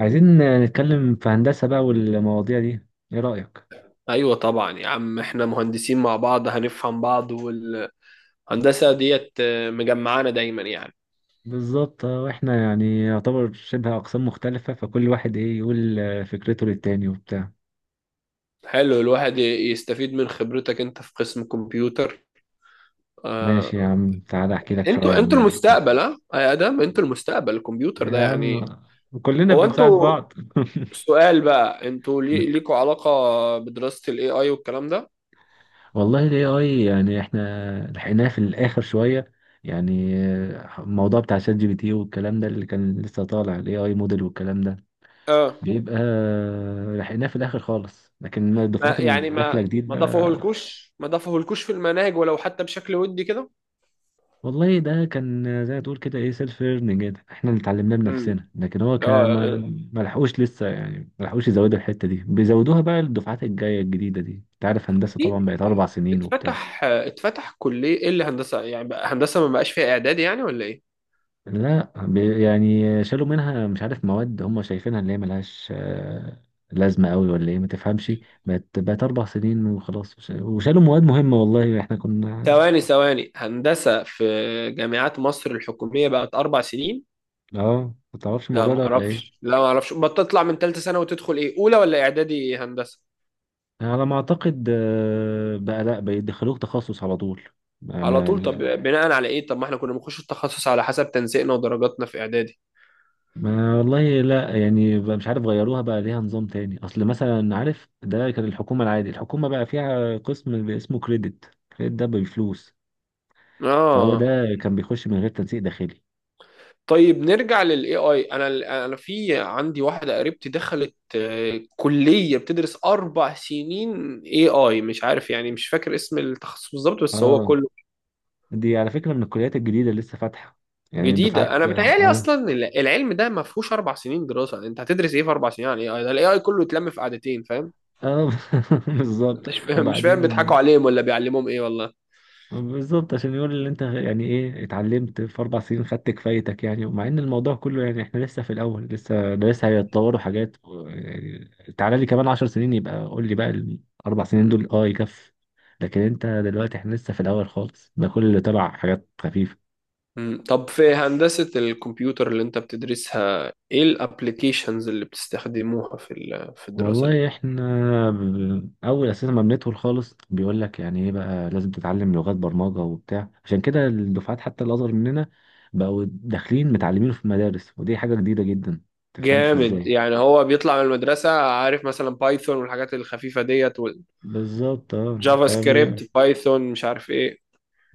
عايزين نتكلم في هندسة بقى والمواضيع دي، ايه رأيك؟ ايوه طبعا يا عم، احنا مهندسين مع بعض هنفهم بعض، والهندسه ديت مجمعانا دايما يعني. بالظبط. واحنا يعني يعتبر شبه أقسام مختلفة، فكل واحد ايه يقول فكرته للتاني وبتاع. حلو، الواحد يستفيد من خبرتك انت في قسم كمبيوتر. ماشي يا آه، عم، تعالى احكي لك شوية انتوا عن انتوا القسم. المستقبل، ها يا ادم، انتوا المستقبل، الكمبيوتر ده يا عم يعني. كلنا هو بنساعد انتوا بعض. سؤال بقى، انتوا مم. ليكوا علاقه بدراسه الاي اي والكلام ده؟ والله ال AI يعني احنا لحقناه في الآخر شوية، يعني الموضوع بتاع شات جي بي تي والكلام ده اللي كان لسه طالع، ال AI موديل والكلام ده اه، بيبقى، لحقناه في الاخر خالص، لكن الدفعات ما يعني اللي داخله ما جديد ما بقى. ضافوهولكوش، ما ضافوهولكوش في المناهج ولو حتى بشكل ودي كده؟ والله ده كان زي ما تقول كده ايه، سيلف ليرنينج كده، احنا اللي اتعلمناه امم. بنفسنا، لكن هو كان ما اه. ما لحقوش لسه، يعني ما لحقوش يزودوا الحته دي، بيزودوها بقى للدفعات الجايه الجديده دي. انت عارف هندسه طبعا اكيد. بقت 4 سنين وبتاع. اتفتح كلية ايه اللي هندسة، يعني بقى هندسة ما بقاش فيها اعدادي يعني ولا ايه؟ لا يعني شالوا منها مش عارف مواد هم شايفينها اللي هي ملهاش لازمه قوي ولا ايه، ما تفهمش. بقت 4 سنين وخلاص، وشالوا مواد مهمه، والله احنا كنا. ثواني، ثواني، هندسة في جامعات مصر الحكومية بقت أربع سنين؟ اه، ما تعرفش لا الموضوع ده ما ولا ايه؟ اعرفش، لا ما اعرفش، بتطلع من ثالثة سنة وتدخل ايه أولى ولا إعدادي هندسة؟ على ما اعتقد بقى لا، بيدخلوك تخصص على طول. ما, على ما, طول؟ طب لا. بناء على ايه؟ طب ما احنا كنا بنخش التخصص على حسب تنسيقنا ودرجاتنا في إعدادي. ما والله لا، يعني بقى مش عارف غيروها بقى ليها نظام تاني. اصل مثلا عارف ده كان الحكومة العادي، الحكومة بقى فيها قسم اسمه كريدت، كريدت ده بفلوس، فهو اه. ده كان بيخش من غير تنسيق داخلي. طيب نرجع للاي اي. انا في عندي واحده قريبتي دخلت كليه بتدرس اربع سنين اي اي، مش عارف يعني، مش فاكر اسم التخصص بالظبط، بس هو اه كله دي على فكرة من الكليات الجديدة اللي لسه فاتحة، يعني جديده. الدفعات انا بتهيالي اه. اصلا العلم ده ما فيهوش اربع سنين دراسه، يعني انت هتدرس ايه في اربع سنين عن الاي اي ده؟ الاي اي كله اتلم في قعدتين، فاهم؟ اه بالظبط. مش فاهم، مش فاهم، وبعدين بيضحكوا عليهم ولا بيعلموهم ايه والله. بالظبط عشان يقول اللي انت يعني ايه اتعلمت في 4 سنين، خدت كفايتك يعني. ومع ان الموضوع كله يعني احنا لسه في الاول، لسه ده لسه هيتطوروا حاجات يعني تعالى لي كمان 10 سنين يبقى قول لي بقى ال4 سنين مم. دول اه يكفي. لكن انت دلوقتي احنا لسه في الاول خالص، ده كل اللي تبع حاجات خفيفة. مم. طب في هندسه الكمبيوتر اللي انت بتدرسها ايه الابلكيشنز اللي بتستخدموها في الدراسه دي؟ والله احنا اول اساسا ما بندخل خالص بيقول لك يعني ايه، بقى لازم تتعلم لغات برمجه وبتاع، عشان كده الدفعات حتى اللي اصغر مننا بقوا داخلين متعلمين في مدارس، ودي حاجه جديده جدا تفهمش جامد، ازاي. يعني هو بيطلع من المدرسة عارف مثلا بايثون والحاجات الخفيفة ديت، بالظبط اه والجافا فاهم. سكريبت بايثون مش عارف ايه.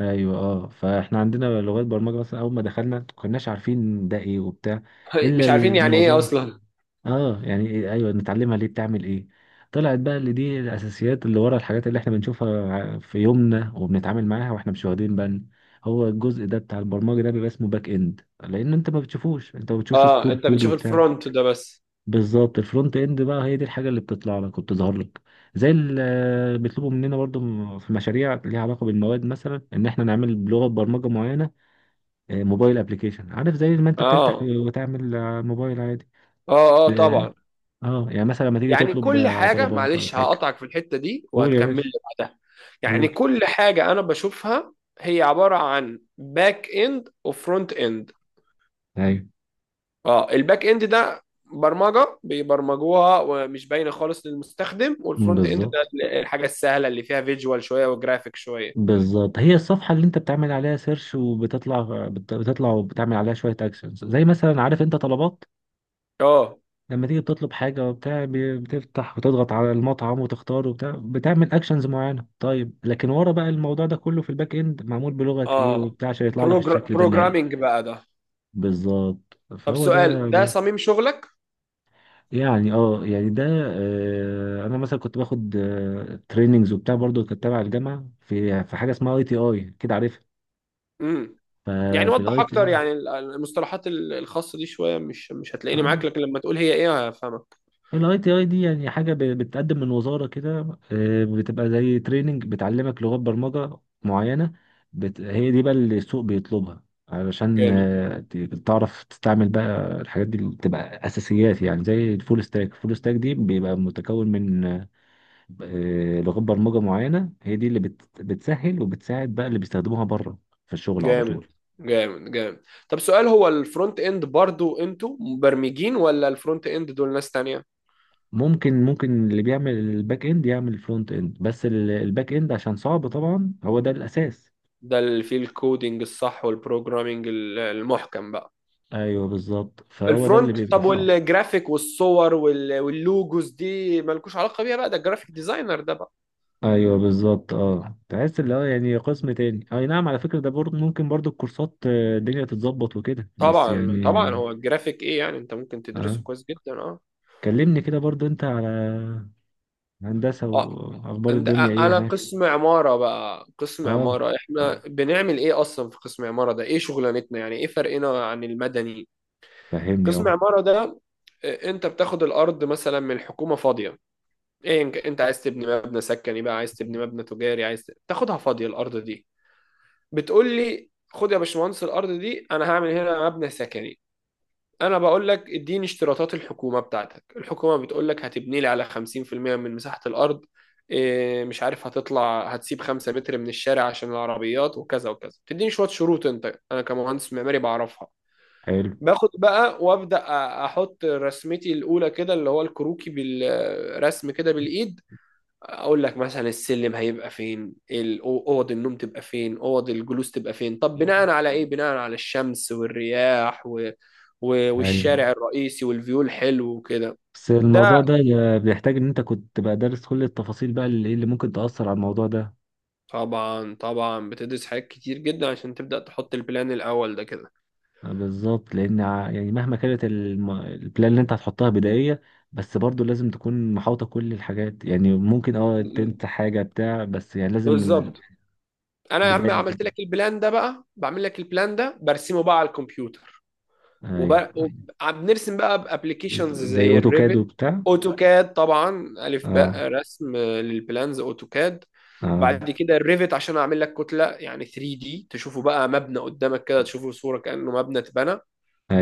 ايوه اه، فاحنا عندنا لغات برمجه، مثلا اول ما دخلنا ما كناش عارفين ده ايه وبتاع، الا مش عارفين يعني ايه المعظم. اصلا. اه يعني إيه، ايوه نتعلمها ليه، بتعمل ايه. طلعت بقى اللي دي الاساسيات اللي ورا الحاجات اللي احنا بنشوفها في يومنا وبنتعامل معاها واحنا مش واخدين بالنا. هو الجزء ده بتاع البرمجه ده بيبقى اسمه باك اند، لان انت ما بتشوفوش، انت ما بتشوفش اه، سطور انت كود بتشوف وبتاع. الفرونت ده بس. بالظبط، الفرونت اند بقى هي دي الحاجه اللي بتطلع لك وبتظهر لك. زي اللي بيطلبوا مننا برضو في مشاريع ليها علاقه بالمواد، مثلا ان احنا نعمل بلغه برمجه معينه موبايل ابلكيشن، عارف زي ما انت بتفتح اه، وتعمل موبايل عادي. اه، اه، طبعا. اه يعني مثلا لما تيجي يعني تطلب كل حاجة، طلبات ولا معلش حاجه. هقطعك في الحتة دي قول يا وهتكمل لي باشا، بعدها. يعني قول. كل حاجة انا بشوفها هي عبارة عن باك اند وفرونت اند. ايوه. اه، الباك اند ده برمجه بيبرمجوها ومش باينه خالص للمستخدم، مم، والفرونت اند بالظبط. ده الحاجه السهله اللي فيها فيجوال شويه وجرافيك شويه. بالظبط هي الصفحه اللي انت بتعمل عليها سيرش وبتطلع، بتطلع وبتعمل عليها شويه اكشنز، زي مثلا عارف انت طلبات اه، لما تيجي بتطلب حاجه وبتاع، بتفتح وتضغط على المطعم وتختار وبتاع، بتعمل اكشنز معينه. طيب لكن ورا بقى الموضوع ده كله في الباك اند، معمول بلغه ايه اه، وبتاع عشان يطلع لك الشكل ده النهائي. بروجرامينج بقى ده. بالظبط طب فهو سؤال، ده. ده صميم شغلك. يعني اه، يعني ده آه انا مثلا كنت باخد تريننجز وبتاع، برضو كنت تبع الجامعه في حاجه اسمها اي تي اي كده، عارفها؟ امم. يعني ففي وضح الاي اكتر، تي، يعني المصطلحات الخاصه دي شويه، مش هتلاقيني اه معاك، لكن لما تقول هي ايه هفهمك. الاي تي اي دي يعني حاجه بتقدم من وزاره كده، آه بتبقى زي تريننج بتعلمك لغات برمجه معينه، بت... هي دي بقى اللي السوق بيطلبها، علشان جامد، آه تعرف تستعمل بقى الحاجات دي اللي بتبقى اساسيات، يعني زي الفول ستاك، الفول ستاك دي بيبقى متكون من لغات برمجة معينة، هي دي اللي بت... بتسهل وبتساعد بقى اللي بيستخدموها بره في الشغل على جامد، طول. جامد، جامد. طب سؤال، هو الفرونت اند برضو انتوا مبرمجين ولا الفرونت اند دول ناس تانية؟ ممكن اللي بيعمل الباك اند يعمل الفرونت اند، بس الباك اند عشان صعب طبعا، هو ده الأساس. ده اللي فيه الكودينج الصح والبروجرامينج المحكم بقى. ايوه بالظبط، فهو ده اللي الفرونت، بيبقى طب صعب. والجرافيك والصور واللوجوز دي مالكوش علاقة بيها بقى؟ ده الجرافيك ديزاينر ده بقى. ايوه بالظبط، اه تحس اللي هو يعني قسم تاني. اي نعم، على فكرة ده برضه ممكن برضه الكورسات الدنيا تتظبط وكده، بس طبعا، طبعا، يعني هو الجرافيك ايه يعني، انت ممكن تدرسه اه. كويس جدا. اه. كلمني كده برضه انت على هندسة، اه، واخبار انت الدنيا أ- ايه انا هناك؟ قسم عمارة بقى. قسم اه عمارة، احنا بنعمل ايه اصلا في قسم عمارة ده؟ ايه شغلانتنا، يعني ايه فرقنا عن المدني؟ فهمني قسم اه. عمارة ده، انت بتاخد الارض مثلا من الحكومة فاضية. ايه، انت عايز تبني مبنى سكني بقى، عايز تبني مبنى تجاري، عايز تاخدها فاضية الارض دي. بتقول لي: خد يا باشمهندس الارض دي، انا هعمل هنا مبنى سكني. انا بقول لك: اديني اشتراطات الحكومة بتاعتك. الحكومة بتقول لك هتبني لي على 50% من مساحة الارض. إيه مش عارف، هتطلع هتسيب 5 متر من الشارع عشان العربيات، وكذا وكذا، بتديني شوية شروط انت، انا كمهندس معماري بعرفها. حلو، باخد بقى وابدا، احط رسمتي الاولى كده اللي هو الكروكي بالرسم كده بالايد. اقول لك مثلا السلم هيبقى فين، اوض النوم تبقى فين، اوض الجلوس تبقى فين. طب بناء على ايه؟ بناء على الشمس والرياح ايوه. والشارع الرئيسي والفيو الحلو وكده. بس ده الموضوع ده بيحتاج ان انت كنت بقى دارس كل التفاصيل بقى اللي إيه اللي ممكن تأثر على الموضوع ده. طبعا، طبعا بتدرس حاجات كتير جدا عشان تبدأ تحط البلان الاول ده كده. بالظبط، لان يعني مهما كانت البلان اللي انت هتحطها بدائية، بس برضو لازم تكون محاوطة كل الحاجات، يعني ممكن اه م- تنسى حاجة بتاع بس يعني لازم. بالظبط. انا يا عم البداية عملت جدا. لك البلان ده بقى، بعمل لك البلان ده برسمه بقى على الكمبيوتر. ايوه. وبقى بنرسم بقى بابلكيشنز زي زي اوتوكاد الريفت. وبتاع. اوتوكاد، طبعا الف اه باء رسم للبلانز اوتوكاد. اه. بعد كده الريفت عشان اعمل لك كتله، يعني 3 دي تشوفه بقى مبنى قدامك كده، تشوفه صوره كانه مبنى اتبنى.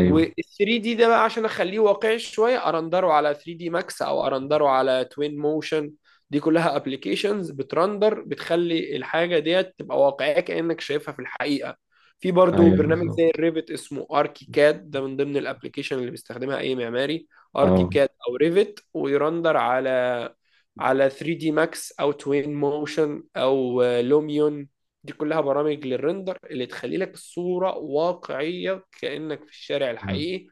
وال 3 دي ده بقى عشان اخليه واقعي شويه، ارندره على 3 دي ماكس او ارندره على توين موشن. دي كلها ابلكيشنز بترندر، بتخلي الحاجه ديت تبقى واقعيه كانك شايفها في الحقيقه. في برضو ايوه برنامج زي بالظبط الريفت اسمه اركي كاد، ده من ضمن الابلكيشن اللي بيستخدمها اي معماري. اركي اه. كاد او ريفت، ويرندر على 3 دي ماكس او توين موشن او لوميون. دي كلها برامج للرندر اللي تخلي لك الصورة واقعية كأنك في الشارع الحقيقي.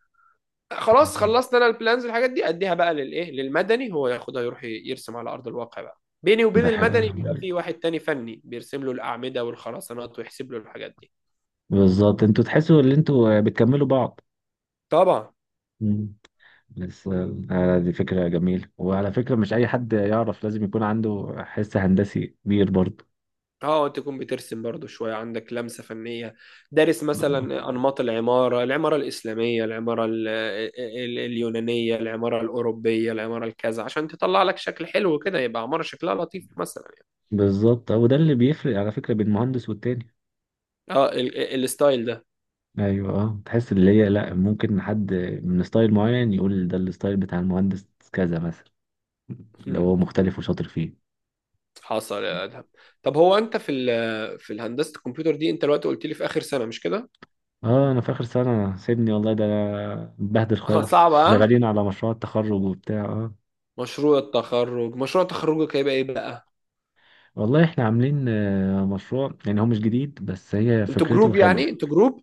خلاص، خلصت انا البلانز والحاجات دي، اديها بقى للايه، للمدني. هو ياخدها يروح يرسم على ارض الواقع بقى. بيني وبين ده المدني بيبقى حقيقي، في واحد تاني فني بيرسم له الاعمده والخرسانات ويحسب له الحاجات دي. بالظبط انتوا تحسوا ان انتوا بتكملوا بعض. طبعا. مم. بس دي فكرة جميلة، وعلى فكرة مش أي حد يعرف، لازم يكون عنده حس هندسي كبير برضه. اه، انت تكون بترسم برضو شوية، عندك لمسة فنية. دارس مثلا أنماط العمارة، العمارة الإسلامية، العمارة اليونانية، العمارة الأوروبية، العمارة الكذا، عشان تطلع لك شكل حلو كده، يبقى عمارة شكلها لطيف مثلا يعني. بالظبط وده اللي بيفرق على فكرة بين مهندس والتاني. اه، الستايل ده. أيوه أه، تحس اللي هي لأ ممكن حد من ستايل معين يقول ده الستايل بتاع المهندس كذا مثلا، لو مم. هو مختلف وشاطر فيه. حصل يا أدهم. طب هو أنت في في الهندسة الكمبيوتر دي أنت دلوقتي قلت لي في آخر سنة، مش كده؟ اه انا في اخر سنه سيبني، والله ده انا مبهدل اه، خالص، صعبة، اه. شغالين على مشروع التخرج وبتاع اه. مشروع التخرج، مشروع تخرجك هيبقى إيه بقى؟ والله احنا عاملين مشروع، يعني هو مش جديد بس هي أنتوا فكرته جروب حلوه. يعني؟ أنتوا جروب؟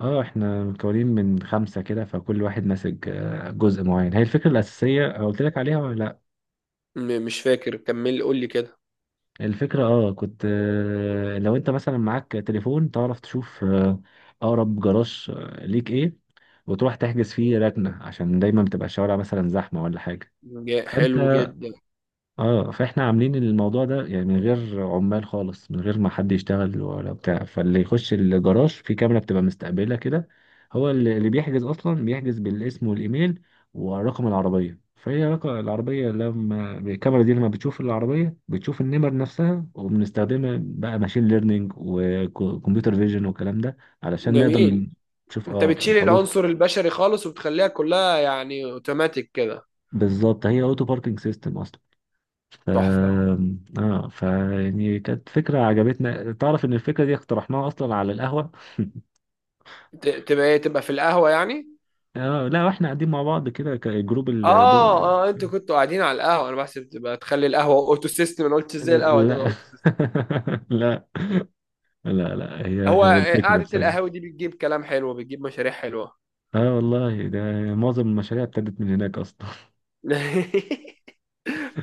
اه احنا مكونين من 5 كده، فكل واحد ماسك جزء معين. هي الفكرة الأساسية قلت لك عليها ولا لا؟ مش فاكر، كمل قول لي كده. الفكرة اه كنت لو انت مثلا معاك تليفون تعرف تشوف أقرب جراج ليك ايه، وتروح تحجز فيه ركنة، عشان دايما بتبقى الشوارع مثلا زحمة ولا حاجة. فانت حلو جدا. اه، فاحنا عاملين الموضوع ده يعني من غير عمال خالص، من غير ما حد يشتغل ولا بتاع. فاللي يخش الجراج في كاميرا بتبقى مستقبله كده، هو اللي بيحجز اصلا بيحجز بالاسم والايميل ورقم العربيه. فهي رقم العربيه لما الكاميرا دي لما بتشوف العربيه بتشوف النمر نفسها، وبنستخدمها بقى ماشين ليرنينج وكمبيوتر فيجن والكلام ده، علشان نقدر جميل، نشوف انت اه بتشيل الحروف. العنصر البشري خالص وبتخليها كلها يعني اوتوماتيك كده. بالظبط، هي اوتو باركينج سيستم اصلا. ف، تحفة. اه فيعني كانت فكرة عجبتنا، تعرف ان الفكرة دي اقترحناها اصلا على القهوة. تبقى ايه، تبقى في القهوة يعني؟ اه لا واحنا قاعدين مع بعض كده كجروب، اه، اه، انتوا كنتوا قاعدين على القهوة؟ انا بحسب تبقى تخلي القهوة اوتو سيستم، انا قلت ازاي القهوة تبقى لا اوتو سيستم. لا، لا لا، هي هو هي الفكرة في قعدة سجن. القهاوي دي بتجيب كلام حلو، بتجيب مشاريع حلوة. اه والله ده معظم المشاريع ابتدت من هناك اصلا.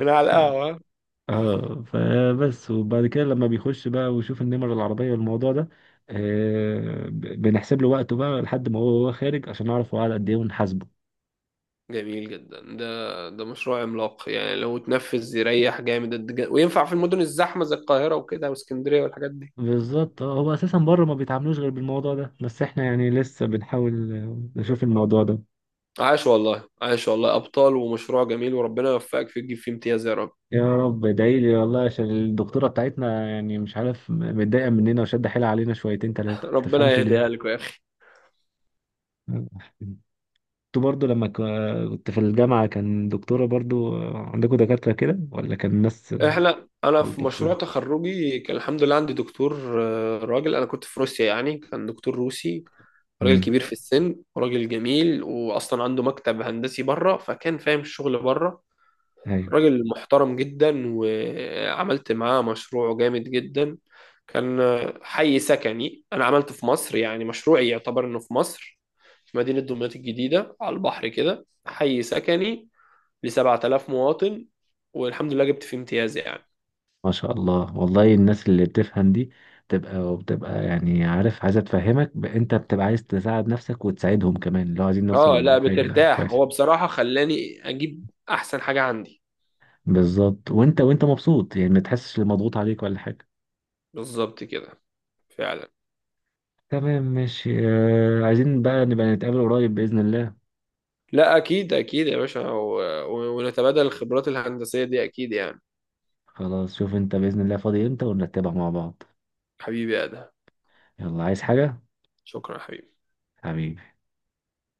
من على القهوة. اه فبس. وبعد كده لما بيخش بقى ويشوف النمر العربية والموضوع ده، آه بنحسب له وقته بقى لحد ما هو خارج، عشان نعرف هو قعد قد ايه ونحاسبه. جميل جدا، ده مشروع عملاق، يعني لو اتنفذ يريح جامد، وينفع في المدن الزحمة زي القاهرة وكده واسكندرية والحاجات دي. بالظبط هو اساسا بره ما بيتعاملوش غير بالموضوع ده، بس احنا يعني لسه بنحاول نشوف الموضوع ده. عاش والله، عاش والله، ابطال ومشروع جميل، وربنا يوفقك فيه تجيب فيه امتياز يا رب. يا رب، ادعي لي والله، عشان الدكتوره بتاعتنا يعني مش عارف متضايقه مننا وشاده حيلها علينا شويتين ثلاثه ربنا تفهمش يهديها ليه. لك يا اخي. انتوا برضو لما كنت في الجامعه كان دكتوره برضو عندكم دكاتره كده ولا كان ناس انا في ملطف مشروع شويه؟ تخرجي كان الحمد لله عندي دكتور راجل، انا كنت في روسيا يعني، كان دكتور روسي. راجل امم. كبير في السن، راجل جميل، واصلا عنده مكتب هندسي بره، فكان فاهم الشغل بره. ايوه راجل محترم جدا، وعملت معاه مشروع جامد جدا. كان حي سكني انا عملته في مصر، يعني مشروعي يعتبر انه في مصر. مدينة دمياط الجديدة على البحر كده، حي سكني ل 7000 مواطن، والحمد لله جبت فيه امتياز يعني. ما شاء الله، والله الناس اللي بتفهم دي بتبقى يعني عارف عايزة تفهمك، انت بتبقى عايز تساعد نفسك وتساعدهم كمان، اللي هو عايزين اه، نوصل لا لحاجة بترتاح، كويسة. هو بصراحة خلاني اجيب احسن حاجة عندي. بالظبط، وانت مبسوط يعني ما تحسش اللي مضغوط عليك ولا حاجة. بالظبط كده، فعلا. تمام ماشي، عايزين بقى نبقى نتقابل قريب بإذن الله. لا اكيد، اكيد يا باشا، ونتبادل الخبرات الهندسية دي اكيد يعني. خلاص شوف انت بإذن الله فاضي امتى ونرتبها مع بعض. حبيبي يا ادهم. يلا، عايز حاجة؟ شكرا يا حبيبي. حبيبي.